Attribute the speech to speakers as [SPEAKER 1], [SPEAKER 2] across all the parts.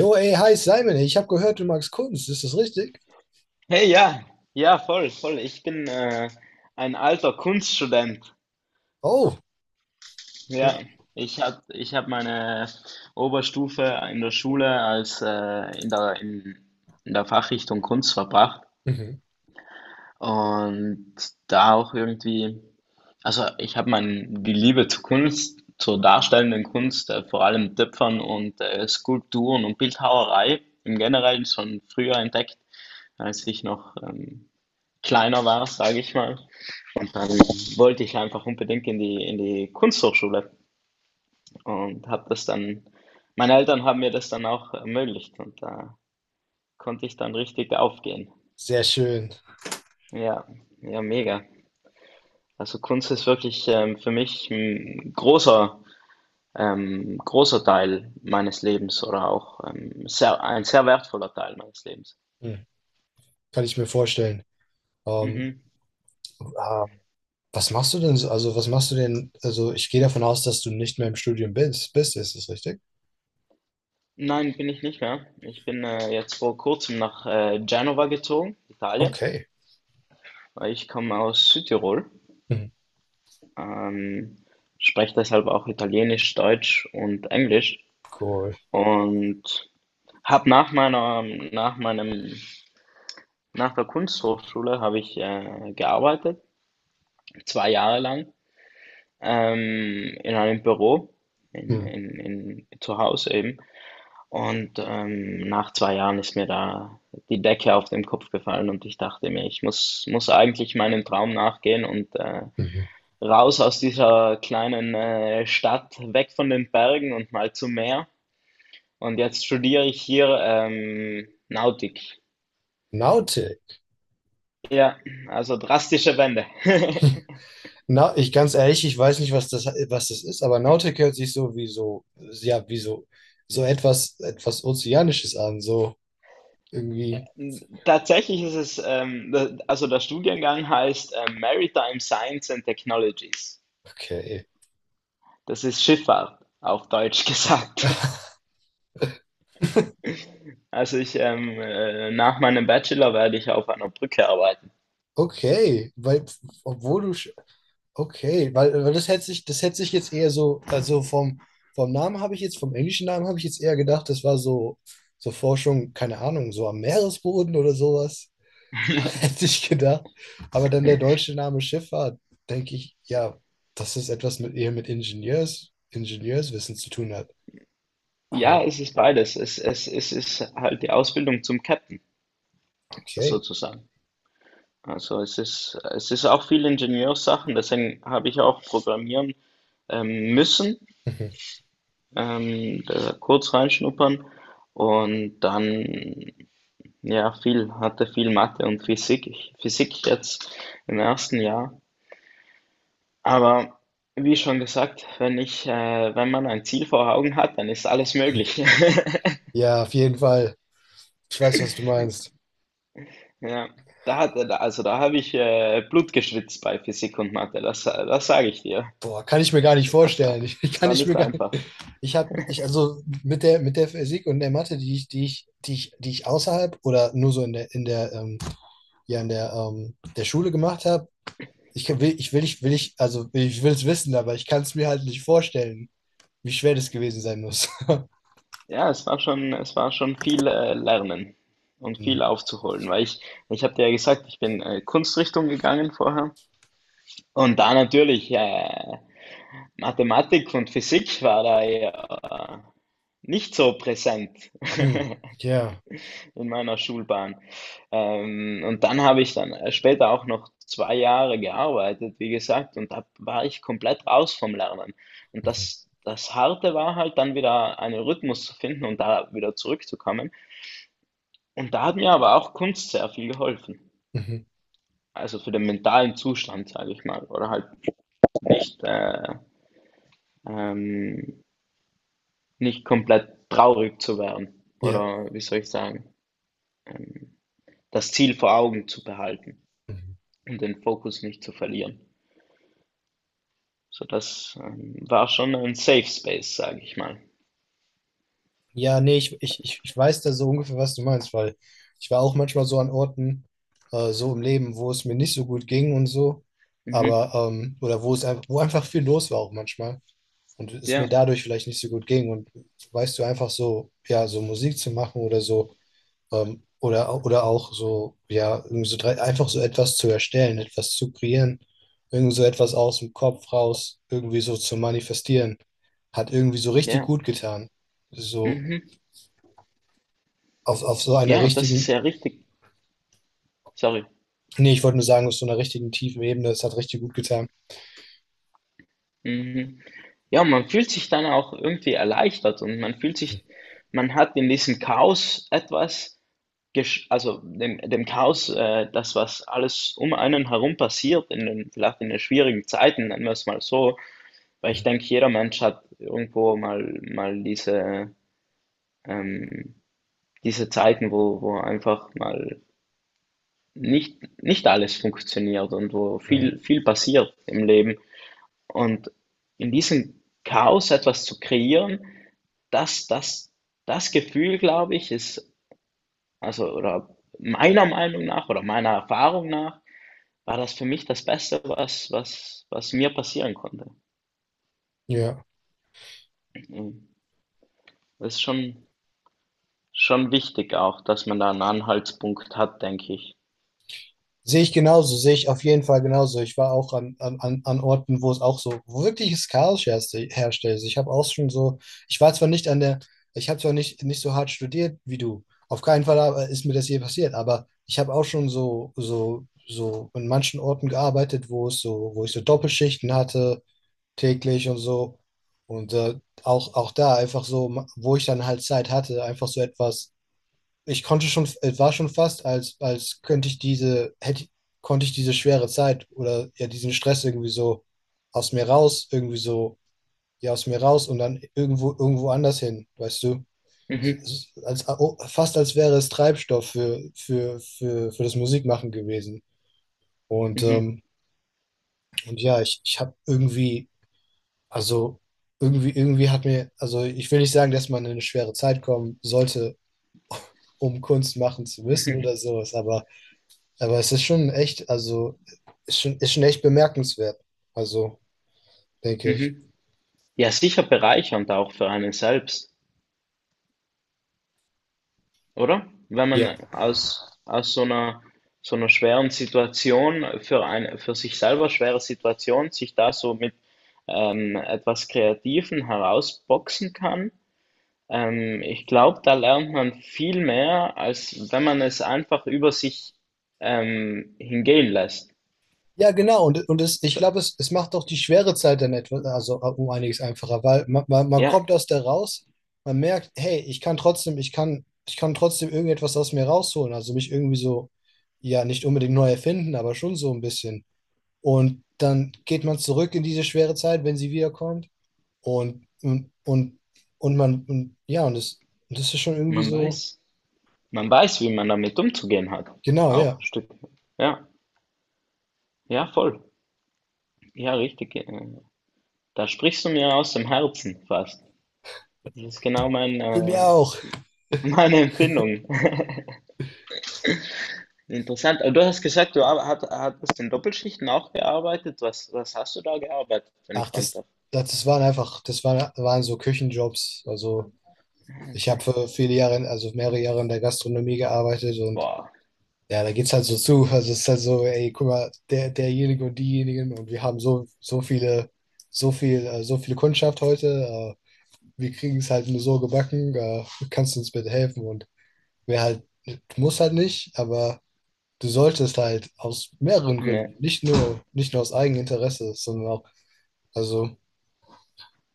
[SPEAKER 1] Jo, ey, hi Simon, ich habe gehört, du magst Kunst, ist das richtig?
[SPEAKER 2] Hey, ja, ja, voll, voll. Ich bin ein alter Kunststudent.
[SPEAKER 1] Oh,
[SPEAKER 2] Ja,
[SPEAKER 1] oh,
[SPEAKER 2] ich hab meine Oberstufe in der Schule als in der Fachrichtung Kunst verbracht
[SPEAKER 1] mhm.
[SPEAKER 2] und da auch irgendwie, also die Liebe zur Kunst, zur darstellenden Kunst, vor allem Töpfern und Skulpturen und Bildhauerei im Generellen schon früher entdeckt, als ich noch kleiner war, sage ich mal. Und dann wollte ich einfach unbedingt in die Kunsthochschule und habe das dann, meine Eltern haben mir das dann auch ermöglicht und da konnte ich dann richtig aufgehen.
[SPEAKER 1] Sehr schön.
[SPEAKER 2] Ja, ja, mega. Also Kunst ist wirklich für mich ein großer, großer Teil meines Lebens oder auch sehr, ein sehr wertvoller Teil meines Lebens.
[SPEAKER 1] Hm. Kann ich mir vorstellen. Ähm,
[SPEAKER 2] Mhm.
[SPEAKER 1] ähm, was machst du denn so? Also, was machst du denn? Also, ich gehe davon aus, dass du nicht mehr im Studium bist. Ist das richtig?
[SPEAKER 2] Nein, bin ich nicht mehr. Ich bin jetzt vor kurzem nach Genova gezogen, Italien.
[SPEAKER 1] Okay.
[SPEAKER 2] Ich komme aus Südtirol,
[SPEAKER 1] Hm.
[SPEAKER 2] ähm, spreche deshalb auch Italienisch, Deutsch und Englisch
[SPEAKER 1] Cool.
[SPEAKER 2] und habe nach meiner, nach meinem, nach der Kunsthochschule habe ich gearbeitet, zwei Jahre lang, in einem Büro,
[SPEAKER 1] Hm.
[SPEAKER 2] zu Hause eben. Und nach zwei Jahren ist mir da die Decke auf den Kopf gefallen und ich dachte mir, muss eigentlich meinem Traum nachgehen und
[SPEAKER 1] Mhm.
[SPEAKER 2] raus aus dieser kleinen Stadt, weg von den Bergen und mal zum Meer. Und jetzt studiere ich hier Nautik.
[SPEAKER 1] Nautic.
[SPEAKER 2] Ja, also drastische Wende.
[SPEAKER 1] Na, ich ganz ehrlich, ich weiß nicht, was das ist, aber Nautik hört sich so wie so, ja, wie so, so etwas, etwas Ozeanisches an, so irgendwie.
[SPEAKER 2] Tatsächlich ist es, also der Studiengang heißt Maritime Science and Technologies.
[SPEAKER 1] Okay.
[SPEAKER 2] Das ist Schifffahrt, auf Deutsch gesagt. Also ich, nach meinem Bachelor werde ich auf einer Brücke arbeiten.
[SPEAKER 1] Okay, weil, obwohl du, sch- okay, weil das hätte sich jetzt eher so, also vom, vom Namen habe ich jetzt, vom englischen Namen habe ich jetzt eher gedacht, das war so, so Forschung, keine Ahnung, so am Meeresboden oder sowas. Hätte ich gedacht. Aber dann der deutsche Name Schifffahrt, denke ich, ja, dass es etwas mit eher mit Ingenieurswissen zu tun hat.
[SPEAKER 2] Ja,
[SPEAKER 1] Ah,
[SPEAKER 2] es ist beides. Es ist halt die Ausbildung zum Captain,
[SPEAKER 1] okay.
[SPEAKER 2] sozusagen. Also es ist auch viel Ingenieurssachen, deswegen habe ich auch programmieren müssen,
[SPEAKER 1] Mhm.
[SPEAKER 2] da kurz reinschnuppern und dann, ja, viel, hatte viel Mathe und Physik, Physik jetzt im ersten Jahr. Aber wie schon gesagt, wenn man ein Ziel vor Augen hat, dann ist alles möglich.
[SPEAKER 1] Ja, auf jeden Fall. Ich weiß, was du meinst.
[SPEAKER 2] Ja, also da habe ich Blut geschwitzt bei Physik und Mathe, das sage ich dir.
[SPEAKER 1] Boah, kann ich mir gar nicht
[SPEAKER 2] Das, war-
[SPEAKER 1] vorstellen.
[SPEAKER 2] Das
[SPEAKER 1] Kann
[SPEAKER 2] war
[SPEAKER 1] ich mir
[SPEAKER 2] nicht
[SPEAKER 1] gar nicht.
[SPEAKER 2] einfach.
[SPEAKER 1] Also mit der Physik und der Mathe, die ich außerhalb oder nur so in der, ja, in der, der Schule gemacht habe, ich kann- will, ich will, ich will, ich, also ich will es wissen, aber ich kann es mir halt nicht vorstellen, wie schwer das gewesen sein muss.
[SPEAKER 2] Ja, es war schon viel Lernen und
[SPEAKER 1] Hm.
[SPEAKER 2] viel aufzuholen, ich habe dir ja gesagt, ich bin Kunstrichtung gegangen vorher und da natürlich Mathematik und Physik war da ja äh, nicht so präsent
[SPEAKER 1] Hm. Ja.
[SPEAKER 2] in meiner Schulbahn. Und dann habe ich dann später auch noch zwei Jahre gearbeitet, wie gesagt, und da war ich komplett raus vom Lernen. Und
[SPEAKER 1] Mhm.
[SPEAKER 2] das Harte war halt dann wieder einen Rhythmus zu finden und da wieder zurückzukommen. Und da hat mir aber auch Kunst sehr viel geholfen.
[SPEAKER 1] Mhm.
[SPEAKER 2] Also für den mentalen Zustand, sage ich mal, oder halt nicht, ähm, nicht komplett traurig zu werden
[SPEAKER 1] Ja.
[SPEAKER 2] oder wie soll ich sagen, ähm, das Ziel vor Augen zu behalten
[SPEAKER 1] Mhm.
[SPEAKER 2] und den Fokus nicht zu verlieren. So, das war schon ein Safe Space, sage ich mal.
[SPEAKER 1] Ja, nee, ich weiß da so ungefähr, was du meinst, weil ich war auch manchmal so an Orten, so im Leben, wo es mir nicht so gut ging und so,
[SPEAKER 2] Mhm.
[SPEAKER 1] aber, oder wo es einfach, wo einfach viel los war auch manchmal und es mir
[SPEAKER 2] Ja,
[SPEAKER 1] dadurch vielleicht nicht so gut ging und weißt du, einfach so, ja, so Musik zu machen oder so. Oder auch so, ja, einfach so etwas zu erstellen, etwas zu kreieren, irgendwie so etwas aus dem Kopf raus, irgendwie so zu manifestieren, hat irgendwie so richtig
[SPEAKER 2] ja,
[SPEAKER 1] gut getan. So
[SPEAKER 2] mhm.
[SPEAKER 1] auf so einer
[SPEAKER 2] Ja, und das ist
[SPEAKER 1] richtigen,
[SPEAKER 2] ja richtig. Sorry.
[SPEAKER 1] nee, ich wollte nur sagen, auf so einer richtigen tiefen Ebene, es hat richtig gut getan.
[SPEAKER 2] Mhm. Ja, man fühlt sich dann auch irgendwie erleichtert und man fühlt sich, man hat in diesem Chaos etwas gesch also dem Chaos, das, was alles um einen herum passiert in den, vielleicht in den schwierigen Zeiten, nennen wir es mal so, weil ich
[SPEAKER 1] Mhm.
[SPEAKER 2] denke, jeder Mensch hat irgendwo mal diese, ähm diese Zeiten, wo, wo einfach mal nicht alles funktioniert und wo
[SPEAKER 1] Ja.
[SPEAKER 2] viel passiert im Leben. Und in diesem Chaos etwas zu kreieren, das, das, das Gefühl, glaube ich, ist, also, oder meiner Meinung nach oder meiner Erfahrung nach, war das für mich das Beste, was mir passieren konnte.
[SPEAKER 1] Ja.
[SPEAKER 2] Mhm. Das ist schon, schon wichtig auch, dass man da einen Anhaltspunkt hat, denke ich.
[SPEAKER 1] Sehe ich genauso, sehe ich auf jeden Fall genauso. Ich war auch an Orten, wo es auch so wirkliches Chaos herrschte. Also ich habe auch schon so, ich war zwar nicht an der, ich habe zwar nicht, nicht so hart studiert wie du, auf keinen Fall aber ist mir das je passiert, aber ich habe auch schon so in manchen Orten gearbeitet, wo es so, wo ich so Doppelschichten hatte, täglich und so. Und auch, auch da einfach so, ma- wo ich dann halt Zeit hatte, einfach so etwas. Ich konnte schon, es war schon fast, als, als könnte ich diese, hätte, konnte ich diese schwere Zeit oder ja diesen Stress irgendwie so aus mir raus, irgendwie so, ja, aus mir raus und dann irgendwo, irgendwo anders hin, weißt du?
[SPEAKER 2] Mhm.
[SPEAKER 1] Als, oh, fast als wäre es Treibstoff für das Musikmachen gewesen. Und,
[SPEAKER 2] Mhm.
[SPEAKER 1] ähm, und ja, ich habe irgendwie, also irgendwie hat mir, also ich will nicht sagen, dass man in eine schwere Zeit kommen sollte, um Kunst machen zu müssen
[SPEAKER 2] Mhm.
[SPEAKER 1] oder sowas, aber es ist schon echt, also ist schon echt bemerkenswert. Also, denke ich.
[SPEAKER 2] Mhm. Ja, sicher bereichernd auch für einen selbst. Oder? Wenn
[SPEAKER 1] Ja.
[SPEAKER 2] man aus, aus so einer schweren Situation, für eine, für sich selber schwere Situation, sich da so mit etwas Kreativen herausboxen kann, ich glaube, da lernt man viel mehr, als wenn man es einfach über sich hingehen lässt.
[SPEAKER 1] Ja, genau. Und, ich
[SPEAKER 2] F-
[SPEAKER 1] glaube, es macht auch die schwere Zeit dann etwas, also um einiges einfacher, weil man
[SPEAKER 2] Ja,
[SPEAKER 1] kommt aus der raus, man merkt, hey, ich kann trotzdem, ich kann trotzdem irgendetwas aus mir rausholen. Also mich irgendwie so, ja, nicht unbedingt neu erfinden, aber schon so ein bisschen. Und dann geht man zurück in diese schwere Zeit, wenn sie wiederkommt. Und, und, und, und man, und, ja, und das, das ist schon irgendwie
[SPEAKER 2] man
[SPEAKER 1] so.
[SPEAKER 2] weiß. Man weiß, wie man damit umzugehen hat.
[SPEAKER 1] Genau, ja.
[SPEAKER 2] Auch Stück. Ja, ja, voll. Ja, richtig. Da sprichst du mir aus dem Herzen fast. Das ist genau mein,
[SPEAKER 1] Du mir auch.
[SPEAKER 2] Meine Empfindung. Interessant. Aber du hast gesagt, hattest in Doppelschichten auch gearbeitet. Was hast du da gearbeitet, wenn ich
[SPEAKER 1] Ach,
[SPEAKER 2] fragen darf?
[SPEAKER 1] das waren einfach, waren so Küchenjobs. Also
[SPEAKER 2] Ah,
[SPEAKER 1] ich habe
[SPEAKER 2] okay.
[SPEAKER 1] für viele Jahre, in- also mehrere Jahre in der Gastronomie gearbeitet und
[SPEAKER 2] Boah.
[SPEAKER 1] ja, da geht's halt so zu. Also es ist halt so, ey, guck mal, der, derjenige und diejenigen und wir haben so viel, so viele Kundschaft heute. Wir kriegen es halt nur so gebacken. Kannst du uns bitte helfen? Und wer halt, muss halt nicht, aber du solltest halt aus mehreren
[SPEAKER 2] Ja,
[SPEAKER 1] Gründen, nicht nur aus Eigeninteresse, sondern auch, also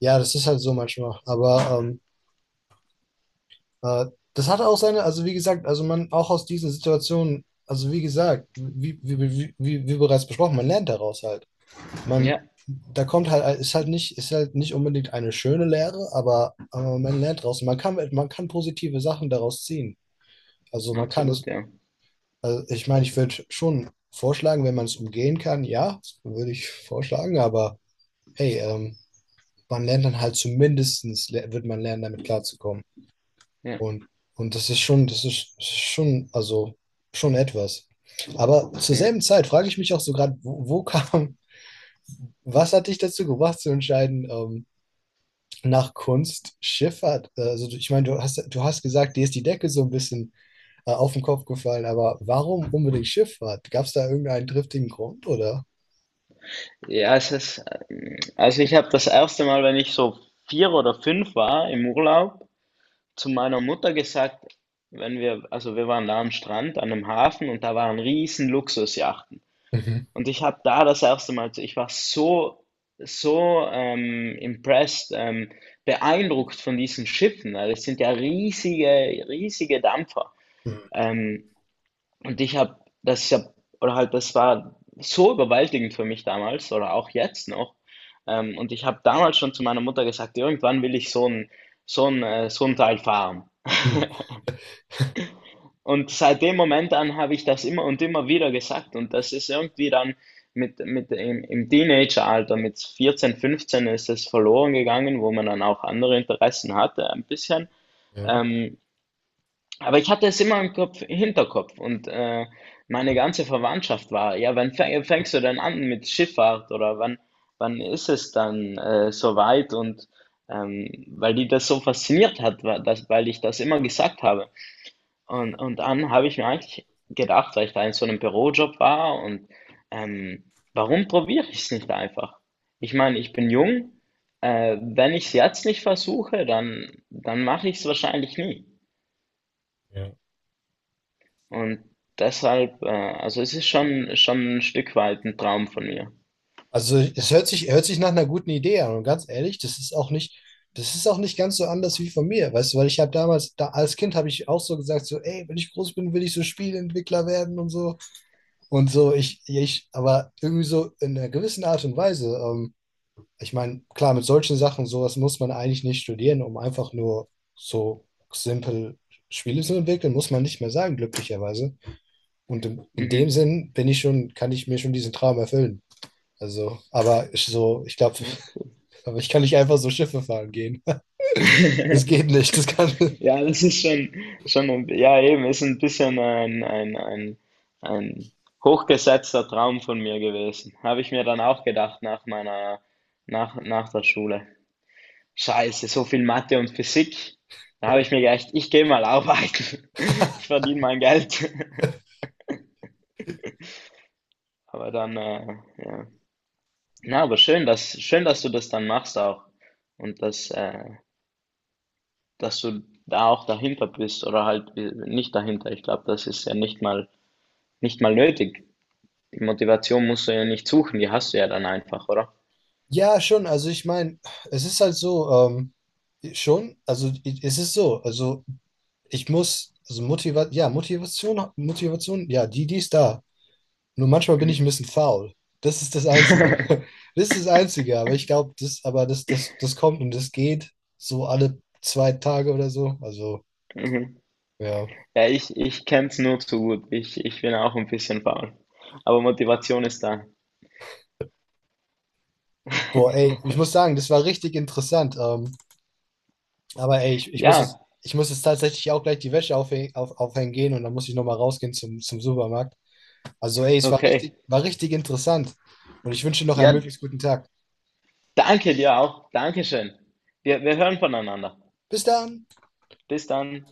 [SPEAKER 1] ja, das ist halt so manchmal. Aber äh, das hat auch seine, also wie gesagt, also man auch aus diesen Situationen, also wie gesagt, wie bereits besprochen, man lernt daraus halt.
[SPEAKER 2] ja,
[SPEAKER 1] Man, da kommt halt, ist halt nicht unbedingt eine schöne Lehre, aber man lernt daraus. Man kann positive Sachen daraus ziehen. Also man kann
[SPEAKER 2] absolut,
[SPEAKER 1] es,
[SPEAKER 2] ja.
[SPEAKER 1] also ich meine, ich würde schon vorschlagen, wenn man es umgehen kann, ja, das würde ich vorschlagen, aber hey, man lernt dann halt zumindestens, le- wird man lernen, damit klarzukommen.
[SPEAKER 2] Ja,
[SPEAKER 1] Und, und das ist schon, das ist schon, also schon etwas. Aber zur
[SPEAKER 2] ja.
[SPEAKER 1] selben Zeit frage ich mich auch so gerade, was hat dich dazu gebracht zu entscheiden, nach Kunst Schifffahrt? Ich meine, du hast gesagt, dir ist die Decke so ein bisschen auf den Kopf gefallen, aber warum unbedingt Schifffahrt? Gab es da irgendeinen triftigen Grund oder?
[SPEAKER 2] Ja, es ist, also ich habe das erste Mal, wenn ich so vier oder fünf war im Urlaub, zu meiner Mutter gesagt, wenn wir, also wir waren da am Strand, an einem Hafen und da waren riesen Luxusjachten.
[SPEAKER 1] Mhm.
[SPEAKER 2] Und ich habe da das erste Mal, ich war so, so impressed, beeindruckt von diesen Schiffen, weil es sind ja riesige Dampfer.
[SPEAKER 1] Mhm.
[SPEAKER 2] Ähm, und ich habe, das ist ja, oder halt, Das war so überwältigend für mich damals oder auch jetzt noch. Und ich habe damals schon zu meiner Mutter gesagt, irgendwann will ich so ein Teil fahren.
[SPEAKER 1] Mhm.
[SPEAKER 2] Und seit dem Moment an habe ich das immer und immer wieder gesagt. Und das ist irgendwie dann im Teenageralter, mit 14, 15 ist es verloren gegangen, wo man dann auch andere Interessen hatte, ein bisschen.
[SPEAKER 1] Ja.
[SPEAKER 2] Ähm, aber ich hatte es immer im Kopf, Hinterkopf und meine ganze Verwandtschaft war, ja, fängst du denn an mit Schifffahrt oder wann ist es dann soweit? Und weil die das so fasziniert hat, weil ich das immer gesagt habe. Und dann habe ich mir eigentlich gedacht, weil ich da in so einem Bürojob war und warum probiere ich es nicht einfach? Ich meine, ich bin jung, wenn ich es jetzt nicht versuche, dann mache ich es wahrscheinlich nie.
[SPEAKER 1] Ja.
[SPEAKER 2] Und deshalb, also es ist schon ein Stück weit ein Traum von mir.
[SPEAKER 1] Also es hört sich nach einer guten Idee an. Und ganz ehrlich, das ist auch nicht ganz so anders wie von mir. Weißt du, weil ich habe damals, da, als Kind habe ich auch so gesagt, so, ey, wenn ich groß bin, will ich so Spieleentwickler werden und so. Und so, aber irgendwie so in einer gewissen Art und Weise. Ich meine, klar, mit solchen Sachen, sowas muss man eigentlich nicht studieren, um einfach nur so simpel Spiele zu entwickeln, muss man nicht mehr sagen, glücklicherweise. Und in dem
[SPEAKER 2] Mhm.
[SPEAKER 1] Sinn bin ich schon, kann ich mir schon diesen Traum erfüllen. Also, aber ich so, ich glaube,
[SPEAKER 2] Ja, cool.
[SPEAKER 1] aber ich kann nicht einfach so Schiffe fahren gehen. Das geht nicht. Das kann.
[SPEAKER 2] Ja, schon ein, ja, eben, ist ein bisschen ein hochgesetzter Traum von mir gewesen. Habe ich mir dann auch gedacht nach der Schule. Scheiße, so viel Mathe und Physik. Da habe ich mir gedacht, ich gehe mal arbeiten. Ich verdiene mein Geld. Aber dann, ja. Na, aber schön, dass du das dann machst auch. Und dass, dass du da auch dahinter bist oder halt nicht dahinter. Ich glaube, das ist ja nicht mal nötig. Die Motivation musst du ja nicht suchen, die hast du ja dann einfach, oder?
[SPEAKER 1] Ja, schon. Also ich meine, es ist halt so, schon, also i- es ist so, also ich muss, Motivation, ja, die, die ist da. Nur manchmal bin ich ein
[SPEAKER 2] Mhm.
[SPEAKER 1] bisschen faul. Das ist das Einzige. Das ist das Einzige, aber ich glaube, aber das kommt und das geht so alle 2 Tage oder so. Also,
[SPEAKER 2] Mhm.
[SPEAKER 1] ja.
[SPEAKER 2] Ja, ich kenne es nur zu gut. Ich bin auch ein bisschen faul, aber Motivation ist da.
[SPEAKER 1] Boah, ey, ich muss sagen, das war richtig interessant. Aber ey,
[SPEAKER 2] Ja,
[SPEAKER 1] ich muss jetzt tatsächlich auch gleich die Wäsche aufhängen, aufhängen gehen und dann muss ich nochmal rausgehen zum Supermarkt. Also ey, es
[SPEAKER 2] okay.
[SPEAKER 1] war richtig interessant. Und ich wünsche dir noch einen
[SPEAKER 2] Ja,
[SPEAKER 1] möglichst guten Tag.
[SPEAKER 2] danke dir auch. Dankeschön. Wir hören voneinander.
[SPEAKER 1] Bis dann!
[SPEAKER 2] Bis dann.